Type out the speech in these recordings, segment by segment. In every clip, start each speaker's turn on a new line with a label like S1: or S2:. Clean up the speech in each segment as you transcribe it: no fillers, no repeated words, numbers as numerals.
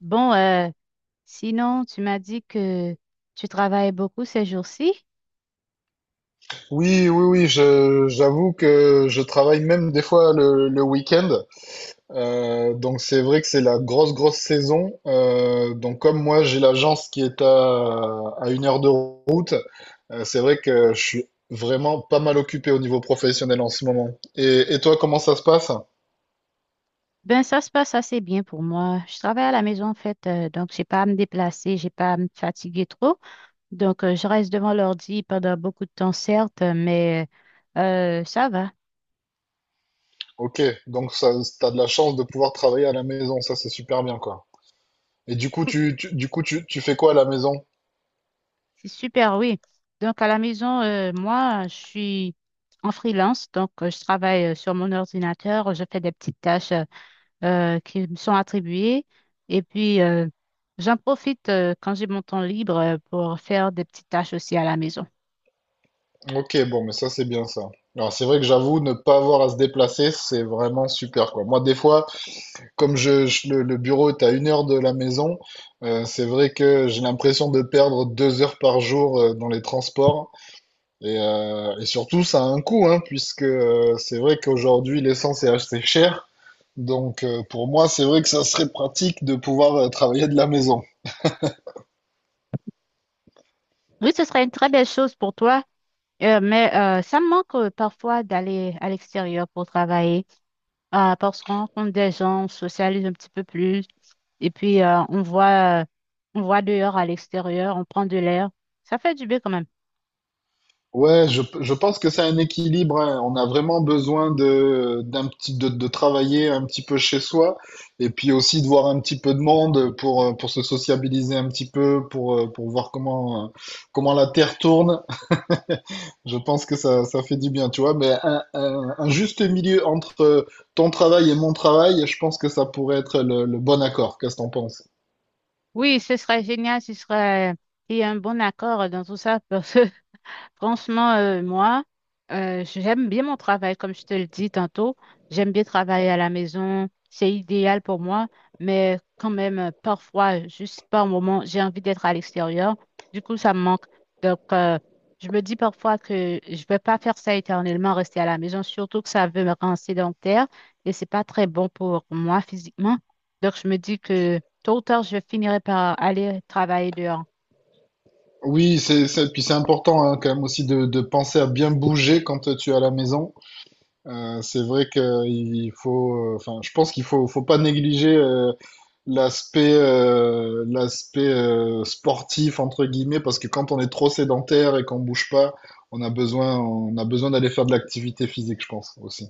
S1: Bon, euh, Sinon, tu m'as dit que tu travailles beaucoup ces jours-ci.
S2: Oui, oui, oui, j'avoue que je travaille même des fois le week-end. Donc c'est vrai que c'est la grosse, grosse saison. Donc comme moi, j'ai l'agence qui est à une heure de route, c'est vrai que je suis vraiment pas mal occupé au niveau professionnel en ce moment. Et toi, comment ça se passe?
S1: Ben, ça se passe assez bien pour moi. Je travaille à la maison, en fait, donc j'ai pas à me déplacer, j'ai pas à me fatiguer trop. Je reste devant l'ordi pendant beaucoup de temps, certes, mais ça va.
S2: Ok, donc ça, t'as de la chance de pouvoir travailler à la maison, ça c'est super bien quoi. Et du coup, tu fais quoi à la maison?
S1: C'est super, oui. Donc, à la maison, moi, je suis en freelance, je travaille sur mon ordinateur, je fais des petites tâches qui me sont attribuées. Et puis, euh, j'en profite quand j'ai mon temps libre pour faire des petites tâches aussi à la maison.
S2: Ok, bon, mais ça, c'est bien ça. Alors, c'est vrai que j'avoue, ne pas avoir à se déplacer, c'est vraiment super, quoi. Moi, des fois, comme le bureau est à une heure de la maison, c'est vrai que j'ai l'impression de perdre deux heures par jour dans les transports. Et surtout, ça a un coût, hein, puisque c'est vrai qu'aujourd'hui, l'essence est assez chère. Pour moi, c'est vrai que ça serait pratique de pouvoir travailler de la maison.
S1: Oui, ce serait une très belle chose pour toi, mais ça me manque parfois d'aller à l'extérieur pour travailler, parce qu'on rencontre des gens, on socialise un petit peu plus, et puis on voit, on voit dehors à l'extérieur, on prend de l'air. Ça fait du bien quand même.
S2: Ouais, je pense que c'est un équilibre, hein. On a vraiment besoin de travailler un petit peu chez soi et puis aussi de voir un petit peu de monde pour se sociabiliser un petit peu, pour voir comment, comment la Terre tourne. Je pense que ça fait du bien, tu vois. Mais un juste milieu entre ton travail et mon travail, je pense que ça pourrait être le bon accord. Qu'est-ce que t'en penses?
S1: Oui, ce serait génial, ce serait il y a un bon accord dans tout ça, parce que Franchement, moi, j'aime bien mon travail, comme je te le dis tantôt. J'aime bien travailler à la maison. C'est idéal pour moi, mais quand même, parfois, juste par moment, j'ai envie d'être à l'extérieur. Du coup, ça me manque. Donc, euh, je me dis parfois que je ne vais pas faire ça éternellement, rester à la maison, surtout que ça veut me rendre sédentaire et c'est pas très bon pour moi physiquement. Donc, je me dis que tôt ou tard, je finirai par aller travailler dehors.
S2: Oui, puis c'est important hein, quand même aussi de penser à bien bouger quand tu es à la maison. C'est vrai qu'il faut, enfin, je pense qu'il faut pas négliger l'aspect, l'aspect sportif entre guillemets, parce que quand on est trop sédentaire et qu'on bouge pas, on a besoin d'aller faire de l'activité physique, je pense aussi.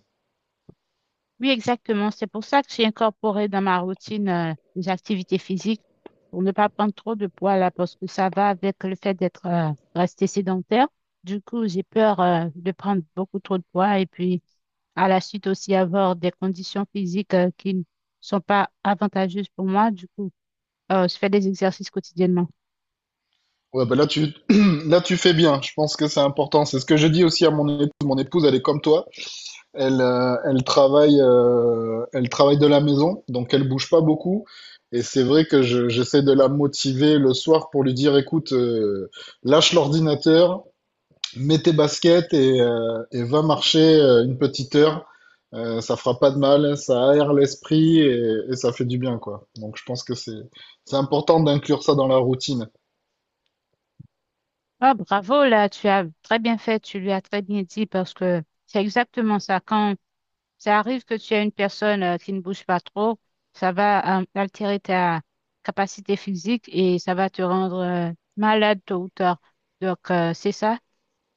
S1: Oui, exactement. C'est pour ça que j'ai incorporé dans ma routine des activités physiques pour ne pas prendre trop de poids là, parce que ça va avec le fait d'être resté sédentaire. Du coup, j'ai peur de prendre beaucoup trop de poids et puis à la suite aussi avoir des conditions physiques qui ne sont pas avantageuses pour moi. Du coup, je fais des exercices quotidiennement.
S2: Ouais, là tu fais bien. Je pense que c'est important. C'est ce que je dis aussi à mon épouse. Mon épouse, elle est comme toi. Elle, elle travaille de la maison, donc elle bouge pas beaucoup. Et c'est vrai que j'essaie de la motiver le soir pour lui dire, écoute, lâche l'ordinateur, mets tes baskets et va marcher une petite heure. Ça fera pas de mal, ça aère l'esprit et ça fait du bien, quoi. Donc je pense que c'est important d'inclure ça dans la routine.
S1: Ah, bravo, là, tu as très bien fait, tu lui as très bien dit parce que c'est exactement ça. Quand ça arrive que tu aies une personne qui ne bouge pas trop, ça va altérer ta capacité physique et ça va te rendre malade tôt ou tard. Donc, c'est ça.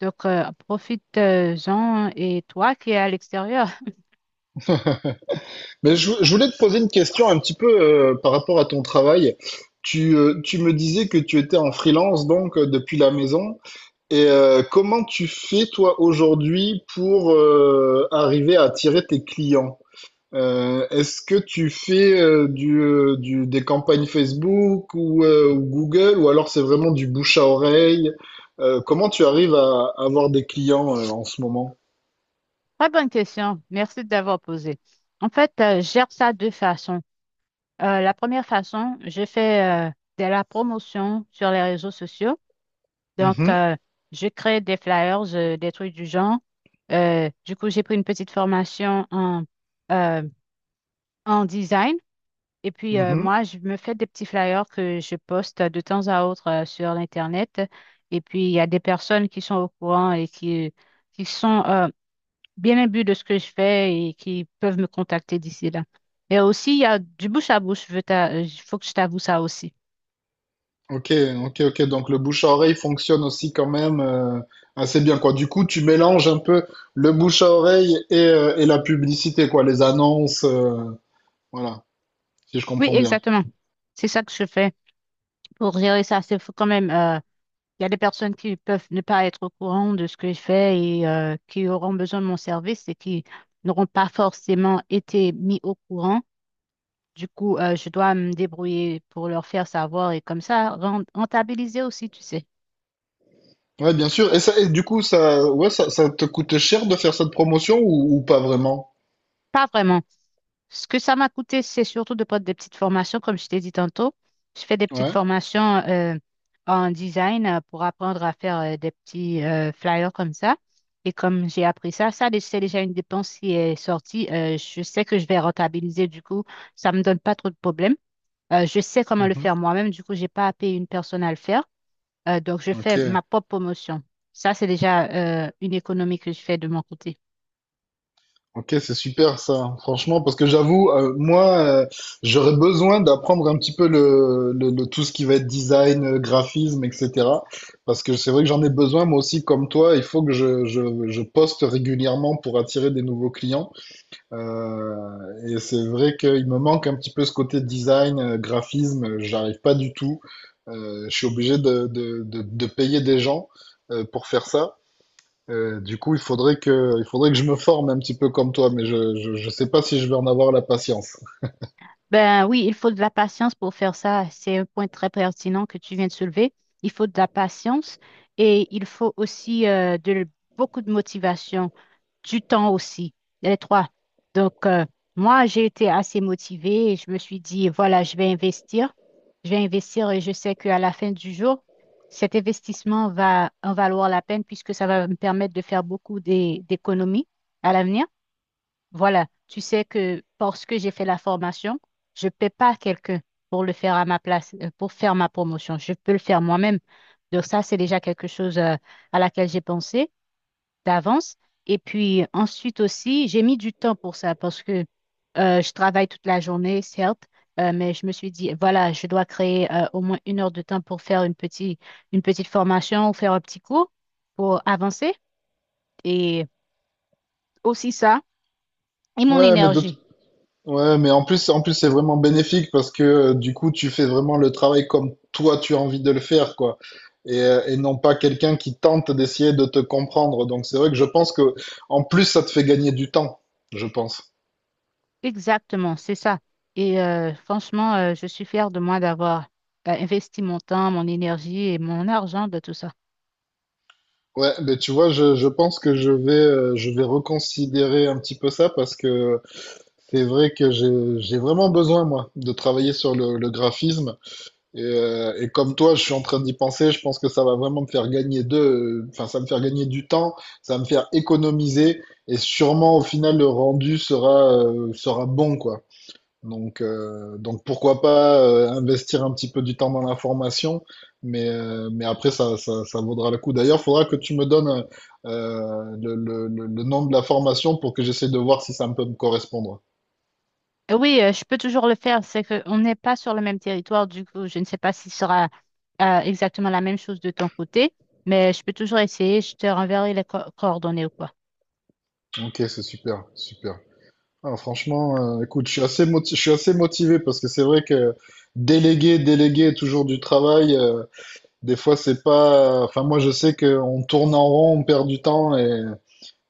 S1: Donc, profite-en et toi qui es à l'extérieur.
S2: Mais je voulais te poser une question un petit peu par rapport à ton travail. Tu me disais que tu étais en freelance donc depuis la maison. Et comment tu fais toi aujourd'hui pour arriver à attirer tes clients? Est-ce que tu fais des campagnes Facebook ou Google ou alors c'est vraiment du bouche à oreille? Comment tu arrives à avoir des clients en ce moment?
S1: Très bonne question. Merci d'avoir posé. En fait, je gère ça de deux façons. La première façon, je fais de la promotion sur les réseaux sociaux. Donc,
S2: Mhm,
S1: euh, je crée des flyers, des trucs du genre. Du coup, j'ai pris une petite formation en, euh, en design. Et puis,
S2: mhm.
S1: moi, je me fais des petits flyers que je poste de temps à autre sur l'Internet. Et puis, il y a des personnes qui sont au courant et qui sont bien imbues de ce que je fais et qui peuvent me contacter d'ici là. Et aussi, il y a du bouche à bouche. Il faut que je t'avoue ça aussi.
S2: Ok, ok, ok. Donc le bouche à oreille fonctionne aussi quand même assez bien, quoi. Du coup, tu mélanges un peu le bouche à oreille et la publicité, quoi, les annonces, voilà, si je
S1: Oui,
S2: comprends bien.
S1: exactement. C'est ça que je fais pour gérer ça. C'est faut quand même. Il y a des personnes qui peuvent ne pas être au courant de ce que je fais et qui auront besoin de mon service et qui n'auront pas forcément été mis au courant. Du coup, je dois me débrouiller pour leur faire savoir et comme ça, rentabiliser aussi, tu sais.
S2: Ouais, bien sûr. Et du coup, ça te coûte cher de faire cette promotion ou pas vraiment?
S1: Pas vraiment. Ce que ça m'a coûté, c'est surtout de prendre des petites formations, comme je t'ai dit tantôt. Je fais des petites
S2: Ouais.
S1: formations euh, en design pour apprendre à faire des petits flyers comme ça. Et comme j'ai appris ça, c'est déjà une dépense qui est sortie. Je sais que je vais rentabiliser, du coup, ça me donne pas trop de problèmes. Je sais comment le
S2: Mhm.
S1: faire moi-même, du coup, j'ai pas à payer une personne à le faire. Donc, je fais
S2: Ok.
S1: ma propre promotion. Ça, c'est déjà une économie que je fais de mon côté.
S2: Ok, c'est super ça, franchement, parce que j'avoue, j'aurais besoin d'apprendre un petit peu tout ce qui va être design, graphisme, etc. Parce que c'est vrai que j'en ai besoin, moi aussi, comme toi, il faut que je poste régulièrement pour attirer des nouveaux clients. Euh, et c'est vrai qu'il me manque un petit peu ce côté design, graphisme, j'arrive pas du tout. Je suis obligé de payer des gens pour faire ça. Il faudrait que je me forme un petit peu comme toi, mais je sais pas si je vais en avoir la patience.
S1: Ben oui, il faut de la patience pour faire ça. C'est un point très pertinent que tu viens de soulever. Il faut de la patience et il faut aussi beaucoup de motivation, du temps aussi, les trois. Donc, moi, j'ai été assez motivée et je me suis dit, voilà, je vais investir. Je vais investir et je sais qu'à la fin du jour, cet investissement va en valoir la peine puisque ça va me permettre de faire beaucoup d'économies à l'avenir. Voilà, tu sais que parce que j'ai fait la formation, je ne paie pas quelqu'un pour le faire à ma place, pour faire ma promotion. Je peux le faire moi-même. Donc ça, c'est déjà quelque chose à laquelle j'ai pensé d'avance. Et puis ensuite aussi, j'ai mis du temps pour ça parce que je travaille toute la journée, certes, mais je me suis dit, voilà, je dois créer au moins une heure de temps pour faire une petite formation ou faire un petit cours pour avancer. Et aussi ça, et mon
S2: Ouais, mais de t-
S1: énergie.
S2: ouais, mais en plus, c'est vraiment bénéfique parce que du coup, tu fais vraiment le travail comme toi, tu as envie de le faire, quoi. Et non pas quelqu'un qui tente d'essayer de te comprendre. Donc, c'est vrai que je pense que, en plus, ça te fait gagner du temps, je pense.
S1: Exactement, c'est ça. Et franchement, je suis fière de moi d'avoir investi mon temps, mon énergie et mon argent de tout ça.
S2: Ouais, mais tu vois, je pense que je vais reconsidérer un petit peu ça parce que c'est vrai que j'ai vraiment besoin, moi, de travailler sur le graphisme. Et comme toi, je suis en train d'y penser. Je pense que ça va vraiment me faire gagner de, enfin, ça va me faire gagner du temps, ça va me faire économiser, et sûrement au final le rendu sera sera bon, quoi. Donc pourquoi pas investir un petit peu du temps dans la formation, mais après ça vaudra le coup. D'ailleurs, faudra que tu me donnes le nom de la formation pour que j'essaie de voir si ça peut me correspondre.
S1: Et oui, je peux toujours le faire. C'est qu'on n'est pas sur le même territoire. Du coup, je ne sais pas si ce sera exactement la même chose de ton côté, mais je peux toujours essayer. Je te renverrai les coordonnées ou quoi.
S2: Ok, c'est super, super. Ah, franchement, écoute, je suis assez motivé parce que c'est vrai que déléguer toujours du travail, des fois c'est pas. Enfin, moi je sais qu'on tourne en rond, on perd du temps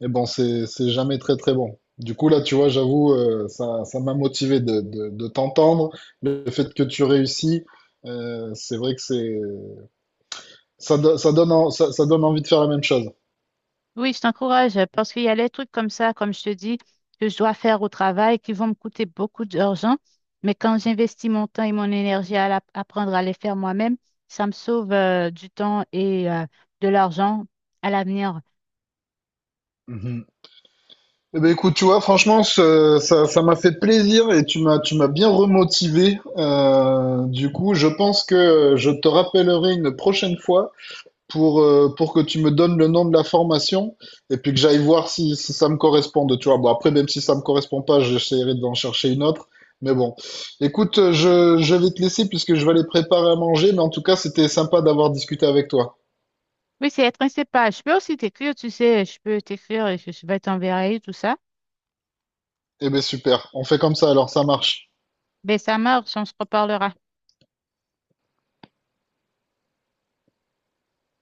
S2: et bon, c'est jamais très très bon. Du coup, là, tu vois, j'avoue, ça m'a motivé de t'entendre. Le fait que tu réussis, c'est vrai que ça donne ça donne envie de faire la même chose.
S1: Oui, je t'encourage parce qu'il y a des trucs comme ça, comme je te dis, que je dois faire au travail qui vont me coûter beaucoup d'argent. Mais quand j'investis mon temps et mon énergie à apprendre à les faire moi-même, ça me sauve du temps et de l'argent à l'avenir.
S2: Eh ben écoute, tu vois, franchement, ça m'a fait plaisir et tu m'as bien remotivé. Du coup, je pense que je te rappellerai une prochaine fois pour que tu me donnes le nom de la formation et puis que j'aille voir si, si ça me correspond. Tu vois, bon, après, même si ça me correspond pas, j'essaierai d'en chercher une autre. Mais bon, écoute, je vais te laisser puisque je vais aller préparer à manger. Mais en tout cas, c'était sympa d'avoir discuté avec toi.
S1: Oui, c'est être inséparable. Je peux aussi t'écrire, tu sais, je peux t'écrire et je vais t'enverrer tout ça.
S2: Eh ben super, on fait comme ça alors, ça marche.
S1: Mais ça marche, on se reparlera.